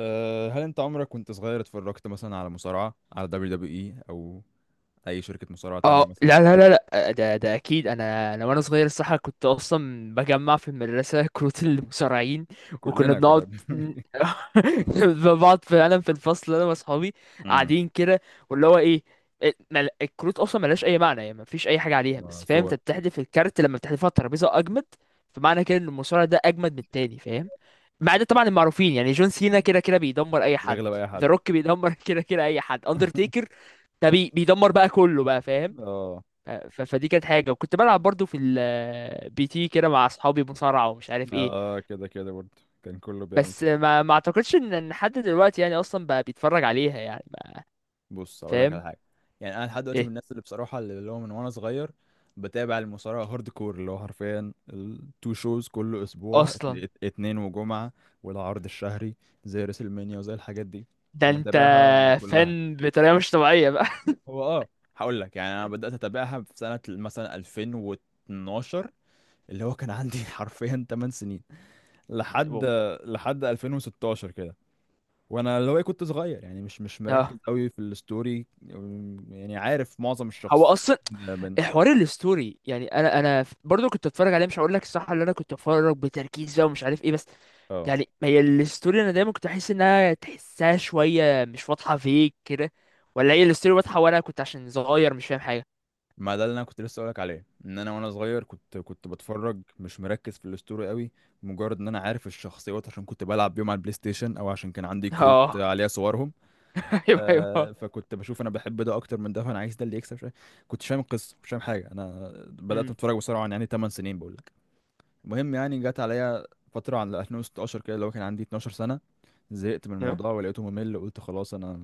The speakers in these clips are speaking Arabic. هل انت عمرك وانت صغير اتفرجت مثلا على مصارعة على دبليو دبليو اي او اي شركة مصارعة تانية اه، مثلا؟ لا لا لا لا، آه، ده اكيد، انا وانا صغير الصراحه كنت اصلا بجمع في المدرسه كروت المصارعين، وكنا كلنا كنا بنقعد ن- بقعد فعلا في الفصل انا واصحابي امم قاعدين كده واللي هو ايه. إيه، الكروت اصلا ملهاش اي معنى، يعني مفيش اي حاجه عليها، ما بس فاهم صور. انت بتحذف الكارت لما بتحذفه على الترابيزه اجمد. فمعنى كده ان المصارع ده اجمد من التاني، فاهم؟ مع ده طبعا المعروفين، يعني جون سينا كده كده بيدمر اي حد، بيغلب اي ذا حد. روك بيدمر كده كده اي حد، اندرتيكر ده بيدمر بقى كله بقى، فاهم؟ اه فدي كانت حاجة، وكنت بلعب برضو في البي تي كده مع اصحابي مصارعة ومش عارف ايه. اه كده كده برضه، كان كله بيعمل بس كده. ما اعتقدش ان حد دلوقتي يعني اصلا بقى بيتفرج عليها، يعني ما بص اقول لك فاهم على حاجة، يعني انا لحد دلوقتي من ايه الناس اللي بصراحة اللي هو من وانا صغير بتابع المصارعة هارد كور اللي هو حرفيا التو شوز كل اسبوع اصلا. اتنين وجمعة والعرض الشهري زي ريسلمانيا وزي الحاجات دي، ده انت بتابعها كلها. فن بطريقة مش طبيعية بقى. هو اه، هقول لك يعني انا بدات اتابعها في سنه مثلا 2012، اللي هو كان عندي حرفيا 8 سنين لحد واو. لحد 2016 كده. وانا اللي هو إيه، كنت صغير يعني مش مركز اه، قوي في الستوري، يعني عارف معظم هو الشخص اصلا من من- حوار الستوري، يعني انا برضو كنت اتفرج عليه، مش هقول لك الصح اللي انا كنت اتفرج بتركيز بقى ومش عارف ايه، بس اه، يعني ما هي الستوري، انا دايما كنت احس انها تحسها شويه مش واضحه فيك كده، ولا هي الستوري واضحه وانا كنت عشان صغير مش فاهم حاجه. ما ده اللي انا كنت لسه اقولك عليه، ان انا وانا صغير كنت بتفرج مش مركز في الستوري قوي، مجرد ان انا عارف الشخصيات عشان كنت بلعب بيهم على البلاي ستيشن او عشان كان عندي كروت اه. عليها صورهم. ايوه، ايوه. فكنت بشوف انا بحب ده اكتر من ده، فانا عايز ده اللي يكسب شويه، كنتش فاهم القصه مش فاهم حاجه، انا بدات امم. اتفرج بسرعه يعني 8 سنين بقول لك. المهم، يعني جت عليا فتره على 2016 كده اللي هو كان عندي 12 سنه، زهقت من أيوة. الموضوع ولقيته ممل، قلت خلاص انا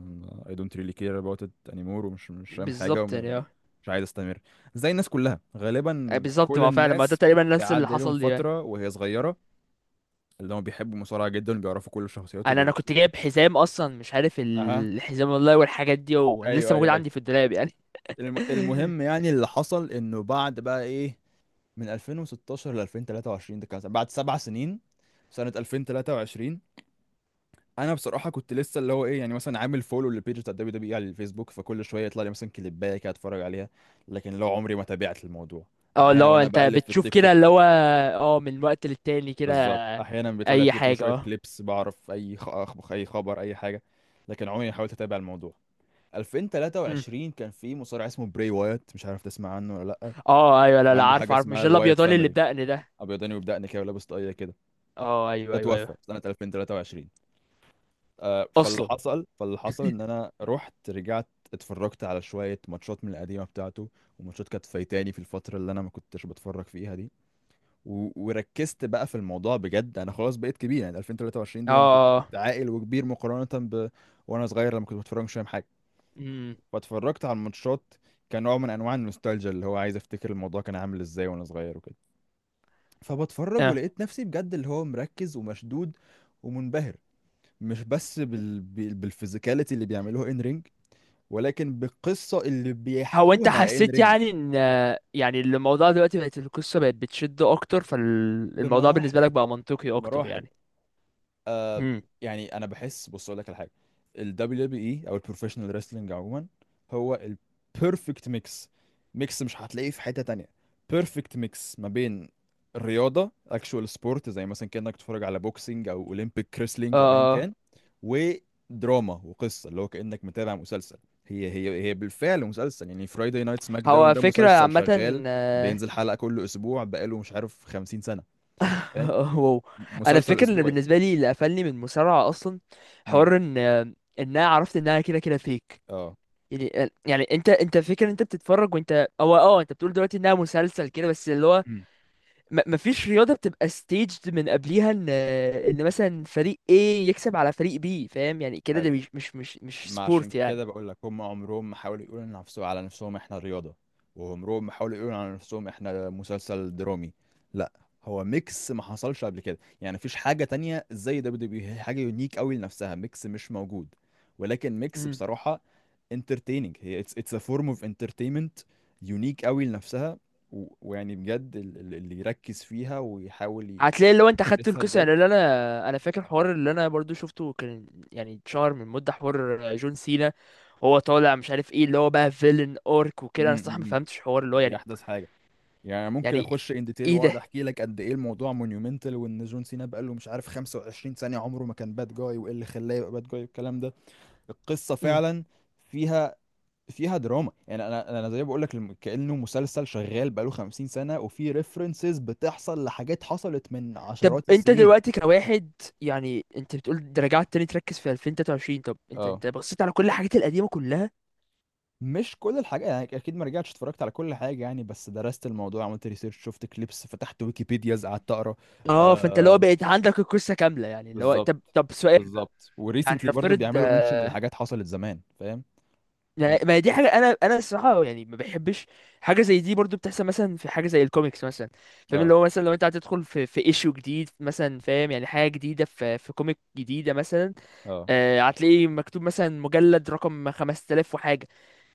I don't really care about it anymore، ومش مش فاهم حاجه بالظبط، يعني اه ومش عايز استمر، زي الناس كلها غالبا، بالظبط، كل ما هو فعلا ما ده الناس تقريبا نفس اللي بيعدي لهم حصل لي يعني. فتره وهي صغيره، اللي هم بيحبوا المصارعه جدا وبيعرفوا كل الشخصيات انا وبي... كنت جايب حزام اصلا، مش عارف اها، الحزام والله، والحاجات دي، وانا لسه ايوه، ايوه، موجود ايوه. عندي في الدولاب يعني. المهم، يعني اللي حصل انه بعد بقى ايه، من 2016 ل 2023 ده كان بعد سبع سنين، سنة 2023 انا بصراحة كنت لسه اللي هو ايه، يعني مثلا عامل فولو للبيج بتاع دبليو دبليو اي على الفيسبوك، فكل شوية يطلع لي مثلا كليباية كده اتفرج عليها، لكن لو عمري ما تابعت الموضوع، اه، اللي احيانا هو وانا انت بقلب في بتشوف التيك كده توك، اللي هو اه من وقت للتاني كده، بالظبط، احيانا بيطلع لي على اي التيك توك حاجه شوية اه. كليبس، بعرف اي خبر اي حاجة، لكن عمري ما حاولت اتابع الموضوع. أمم. 2023 كان في مصارع اسمه براي وايت، مش عارف تسمع عنه ولا. اه، ايوه. لا كان لا، عنده عارف حاجه عارف، مش اسمها ده الوايت الابيضاني اللي فاميلي، بدقن ده؟ ابيضاني وبدقني كده ولابس طاقيه كده، اه، ده ايوه ايوه توفى ايوه. سنه 2023. فاللي اصلا. حصل، ان انا رحت رجعت اتفرجت على شويه ماتشات من القديمه بتاعته، وماتشات كانت فايتاني في الفتره اللي انا ما كنتش بتفرج فيها دي، و... وركزت بقى في الموضوع بجد، انا خلاص بقيت كبير، يعني 2023 دي، يعني كنت اه اه. كنت عاقل وكبير مقارنه ب... وانا صغير لما كنت بتفرج مش فاهم حاجه. امم. فاتفرجت على الماتشات كنوع من انواع النوستالجيا، اللي هو عايز افتكر الموضوع كان عامل ازاي وانا صغير وكده، فبتفرج اه، ولقيت نفسي بجد اللي هو مركز ومشدود ومنبهر، مش بس بالفيزيكاليتي اللي بيعملوها ان رينج، ولكن بالقصة اللي هو انت بيحكوها ان حسيت رينج. يعني ان، يعني الموضوع دلوقتي بقت القصه بقت بتشد اكتر، فالموضوع بالنسبه بمراحل، لك بقى منطقي اكتر بمراحل، يعني. آه امم. يعني انا بحس، بص اقول لك على حاجه، ال WWE او البروفيشنال wrestling عموما، هو البيرفكت ميكس، ميكس مش هتلاقيه في حته تانية، بيرفكت ميكس ما بين الرياضه actual sport زي مثلا كانك تتفرج على بوكسينج او اولمبيك كريسلينج اه. او ايا آه. كان، ودراما وقصه اللي هو كانك متابع مسلسل. هي بالفعل مسلسل، يعني فرايداي نايت سماك داون هو ده فكره مسلسل عامه. شغال، بينزل حلقه كل اسبوع بقاله مش عارف 50 سنه، فاهم، واو. انا مسلسل فاكر ان اسبوعي. بالنسبه لي اللي قفلني من المصارعه اصلا، امم، حوار ان انا عرفت انها كده كده فيك. اه، يعني انت فكر، انت بتتفرج، وانت او اه انت بتقول دلوقتي انها مسلسل كده، بس اللي هو مم. مفيش رياضه بتبقى staged من قبليها ان مثلا فريق A يكسب على فريق B، فاهم يعني كده ده حلو، مش ما عشان سبورت يعني. كده بقول لك هم عمرهم ما حاولوا يقولوا لنفسهم على نفسهم احنا رياضة، وعمرهم ما حاولوا يقولوا على نفسهم احنا مسلسل درامي، لا، هو ميكس ما حصلش قبل كده، يعني مفيش حاجة تانية زي دبليو دبليو، هي حاجة يونيك قوي لنفسها، ميكس مش موجود، ولكن ميكس بصراحة انترتيننج، هي اتس اتس ا فورم اوف انترتينمنت، يونيك قوي لنفسها، و... ويعني بجد اللي يركز فيها ويحاول هتلاقي لو انت خدت يدرسها القصه بجد. يعني، اللي انا فاكر حوار اللي انا برضو شفته كان، يعني اتشهر من مده حوار جون سينا وهو طالع مش عارف ايه اللي هو بقى فيلن اورك وكده، انا مم، الصراحه مم، ما مم. فهمتش حوار اللي هو دي يعني احدث حاجة، يعني ممكن يعني اخش ان ديتيل ايه واقعد ده. احكي لك قد ايه الموضوع مونيومنتال، وان جون سينا بقى له مش عارف 25 ثانيه عمره ما كان باد جاي، وايه اللي خلاه يبقى باد جاي والكلام ده. القصه مم. فعلا فيها، فيها دراما، يعني انا زي بقول لك كانه مسلسل شغال بقى له 50 سنه، وفي ريفرنسز بتحصل لحاجات حصلت من طب عشرات انت السنين. دلوقتي كواحد، يعني انت بتقول ده رجعت تاني تركز في 2023، طب انت اه، انت بصيت على كل الحاجات القديمه كلها؟ مش كل الحاجات، يعني اكيد ما رجعتش اتفرجت على كل حاجه، يعني بس درست الموضوع، عملت ريسيرش، شفت كليبس، فتحت ويكيبيديا قعدت اقرا. اه، فانت اللي هو آه، بقيت عندك القصه كامله، يعني اللي هو طب بالظبط، طب سؤال، بالظبط، يعني وريسنتلي برضو نفترض، بيعملوا منشن لحاجات حصلت زمان، فاهم. يعني هم- ما هي دي حاجه انا الصراحه يعني ما بحبش، حاجه زي دي برضو بتحصل مثلا في حاجه زي الكوميكس مثلا، فاهم؟ اه، اللي هو مثلا لو انت هتدخل في في ايشو جديد مثلا، فاهم؟ يعني حاجه جديده في في كوميك جديده مثلا، اه، آه هتلاقيه مكتوب مثلا مجلد رقم 5000 وحاجه،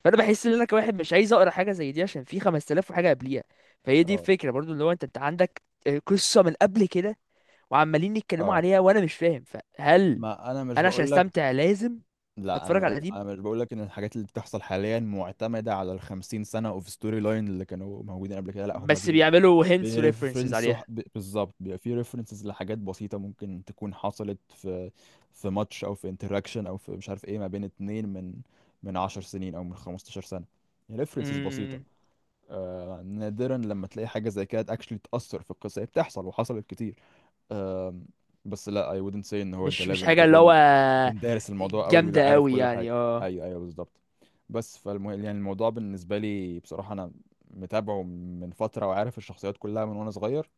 فانا بحس ان انا كواحد مش عايز اقرا حاجه زي دي عشان في 5000 وحاجه قبليها. فهي دي اه، الفكره برضو، اللي هو انت عندك آه، قصه من قبل كده، وعمالين يتكلموا اه، عليها وانا مش فاهم. فهل ما انا مش انا عشان بقول لك، استمتع لازم لا، اتفرج على انا القديم؟ انا مش بقول لك ان الحاجات اللي بتحصل حاليا معتمده على ال 50 سنه اوف ستوري لاين اللي كانوا موجودين قبل كده، لا، هم بس بي... بيعملوا hints و references بيرفرنسوا عليها. بالظبط، بيبقى في ريفرنسز لحاجات بسيطه ممكن تكون حصلت في في ماتش او في انتراكشن او في مش عارف ايه، ما بين اتنين من 10 سنين او من 15 سنه، ريفرنسز بسيطه. امم. آه، نادرا لما تلاقي حاجة زي كده اكشلي تأثر في القصة، هي بتحصل وحصلت كتير. آه، بس لا، I wouldn't say ان هو انت مش مش لازم حاجة اللي هو تكون دارس الموضوع قوي ولا جامدة عارف قوي كل يعني حاجة، اه. ايوه، ايوه، بالظبط. بس يعني الموضوع بالنسبة لي بصراحة انا متابعه من فترة وعارف الشخصيات كلها من وانا صغير،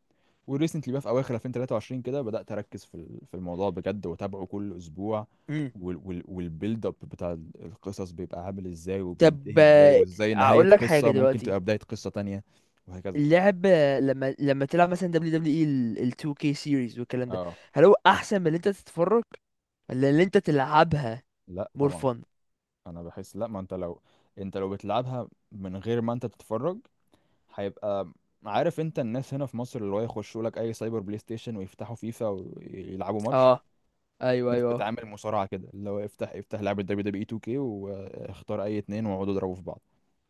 وريسنتلي بقى في اواخر 2023 كده بدات اركز في في الموضوع بجد واتابعه كل اسبوع، امم. والبيلد اب بتاع القصص بيبقى عامل ازاي طب وبينتهي ازاي، آه، وازاي نهايه اقول لك حاجة قصه ممكن دلوقتي، تبقى بدايه قصه تانية، وهكذا. اللعب آه، لما تلعب مثلا دبليو دبليو اي ال 2K series والكلام ده، اه، هل هو احسن من اللي انت تتفرج، ولا اللي انت تلعبها لا more طبعا. fun؟ انا بحس لا، ما انت لو بتلعبها من غير ما انت تتفرج، هيبقى... عارف انت الناس هنا في مصر اللي هو يخشوا لك اي سايبر بلاي ستيشن ويفتحوا فيفا ويلعبوا ماتش، اه، في ايوه ناس ايوه. بتعامل مصارعه كده اللي هو افتح لعبه دبليو دبليو اي 2 كي واختار اي اتنين واقعدوا اضربوا في بعض،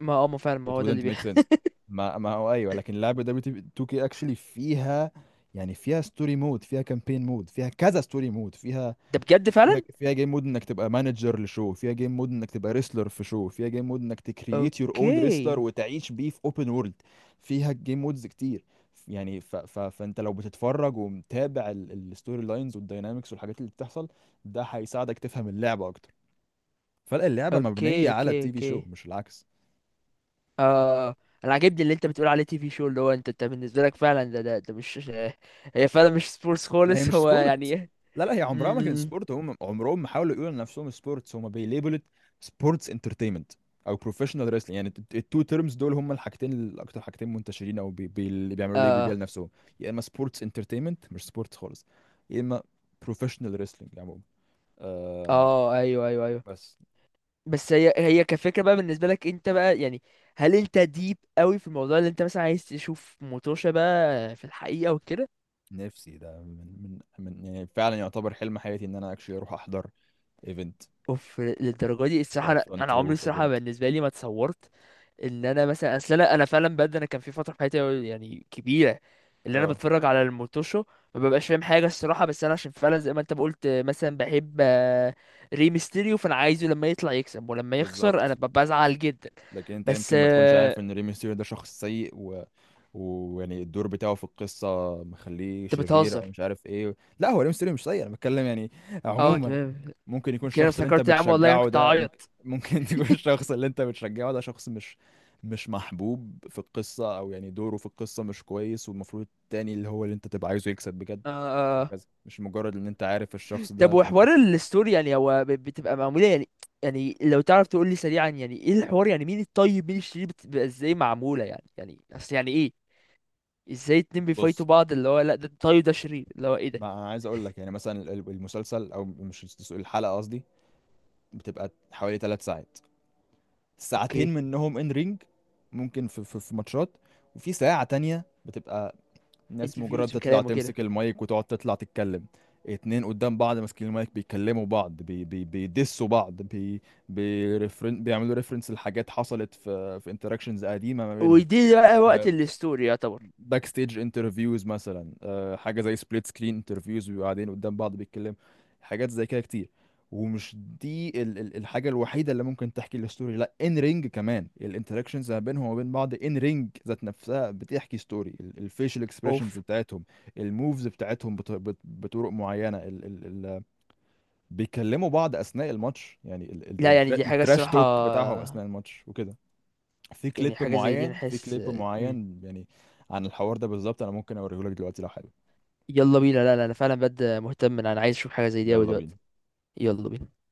ما فعلا، ما it هو ده اللي wouldn't make بيحصل. sense. ما هو ايوه، لكن لعبه دبليو 2 كي actually فيها، يعني فيها ستوري مود، فيها كامبين مود، فيها كذا ستوري مود، فيها ده بجد فيها فعلا؟ فيها جيم مود انك تبقى مانجر لشو، فيها جيم مود انك تبقى ريسلر في شو، فيها جيم مود انك تكريت يور اون ريسلر اوكي وتعيش بيه في اوبن وورلد، فيها جيم مودز كتير. يعني فانت لو بتتفرج ومتابع الستوري لاينز والداينامكس والحاجات اللي بتحصل، ده هيساعدك تفهم اللعبة اكتر، فاللعبة اوكي مبنية على اوكي، التي في شو اوكي مش العكس. اه. انا عاجبني اللي انت بتقول عليه تي في شو، اللي هو انت بالنسبه لك فعلا ده مش هي فعلا مش سبورتس ما هي خالص. مش هو يعني سبورت، ايه. لا لا، هي م- عمرها ما كانت م- سبورت، هم عمرهم ما حاولوا يقولوا لنفسهم سبورتس، هم بيليبلت سبورتس انترتينمنت او بروفيشنال ريسلينج، يعني التو تيرمز دول هم الحاجتين الاكتر حاجتين منتشرين، او بي بي اللي بيعملوا ليبل بيها اه لنفسهم، يا اما سبورتس انترتينمنت مش سبورتس خالص، يا اما بروفيشنال ريسلينج عموما. آم، اه ايوه ايوه ايوه. بس. بس هي كفكره بقى، بالنسبه لك انت بقى يعني، هل انت ديب قوي في الموضوع، اللي انت مثلا عايز تشوف موتوشا بقى في الحقيقه وكده؟ نفسي ده من يعني فعلا يعتبر حلم حياتي ان انا اكشلي اروح احضر ايفنت، اوف، للدرجه دي الصراحه. ابقى انا فرونت عمري رو في الصراحه ايفنت. بالنسبه لي ما اتصورت ان انا مثلا، اصل انا فعلا بجد، انا كان في فتره في حياتي يعني كبيره اللي انا اه، بتفرج على الموتوشو ما ببقاش فاهم حاجه الصراحه، بس انا عشان فعلا زي ما انت ما قلت مثلا بحب آه، ريمستيريو، فانا عايزه لما يطلع يكسب، ولما يخسر انا بالظبط. ببقى بزعل جدا. لكن انت بس يمكن ما تكونش آه، عارف ان ري ميستيريو ده شخص سيء، ويعني الدور بتاعه في القصة مخليه انت شرير او بتهزر. مش عارف ايه، لا، هو ري ميستيريو مش سيء، انا بتكلم يعني اه عموما، تمام. ممكن يكون كده الشخص اللي انت افتكرت يا عم والله، انا بتشجعه كنت ده، ممكن هعيط. تكون الشخص اللي انت بتشجعه ده شخص مش محبوب في القصة، او يعني دوره في القصة مش كويس والمفروض التاني اللي هو اللي انت تبقى عايزه يكسب بجد، آه آه. آه. وهكذا، مش مجرد ان انت عارف الشخص طب ده فانت وحوار بتشجعه. الستوري يعني هو بتبقى معموله يعني، يعني لو تعرف تقول لي سريعا، يعني ايه الحوار، يعني مين الطيب مين الشرير، بتبقى ازاي معموله يعني، يعني اصل يعني ايه ازاي اتنين بص، بيفايتوا بعض اللي هو لا ده طيب ده شرير اللي هو ايه ده؟ ما انا عايز اقول لك يعني مثلا المسلسل او مش الحلقه قصدي، بتبقى حوالي ثلاث ساعات، ساعتين اوكي. منهم ان رينج، ممكن في ماتشات، وفي ساعة تانية بتبقى ناس انت مجرد فيوز تطلع بكلامه كده. تمسك المايك وتقعد تطلع تتكلم، اتنين قدام بعض ماسكين المايك بيكلموا بعض بي بي بيدسوا بعض بي... بيعملوا ريفرنس لحاجات حصلت في في انتراكشنز قديمة ما بينهم، ودي بقى وقت الستوري يعتبر. باك ستيج انترفيوز مثلا، آه، حاجه زي سبليت سكرين انترفيوز بيبقوا قاعدين قدام بعض بيتكلموا، حاجات زي كده كتير، ومش... دي ال ال الحاجه الوحيده اللي ممكن تحكي الستوري، لا، ان رينج كمان الانتراكشنز ما بينهم وبين بعض ان رينج ذات نفسها بتحكي ستوري، الفيشل اكسبريشنز اوف. بتاعتهم، الموفز بتاعتهم بط بط بطرق معينه، ال ال ال بيكلموا بعض اثناء الماتش، يعني لا يعني دي حاجة التراش الصراحة، توك بتاعهم اثناء الماتش وكده، في كليب يعني حاجة زي دي انا معين، في حاسس. كليب مم. معين يعني عن الحوار ده بالظبط، انا ممكن اوريهولك دلوقتي لو حابب. يلا بينا. لا لا، انا فعلا بجد مهتم، انا عايز اشوف حاجة زي دي اوي يلا دلوقتي. بينا. يلا بينا.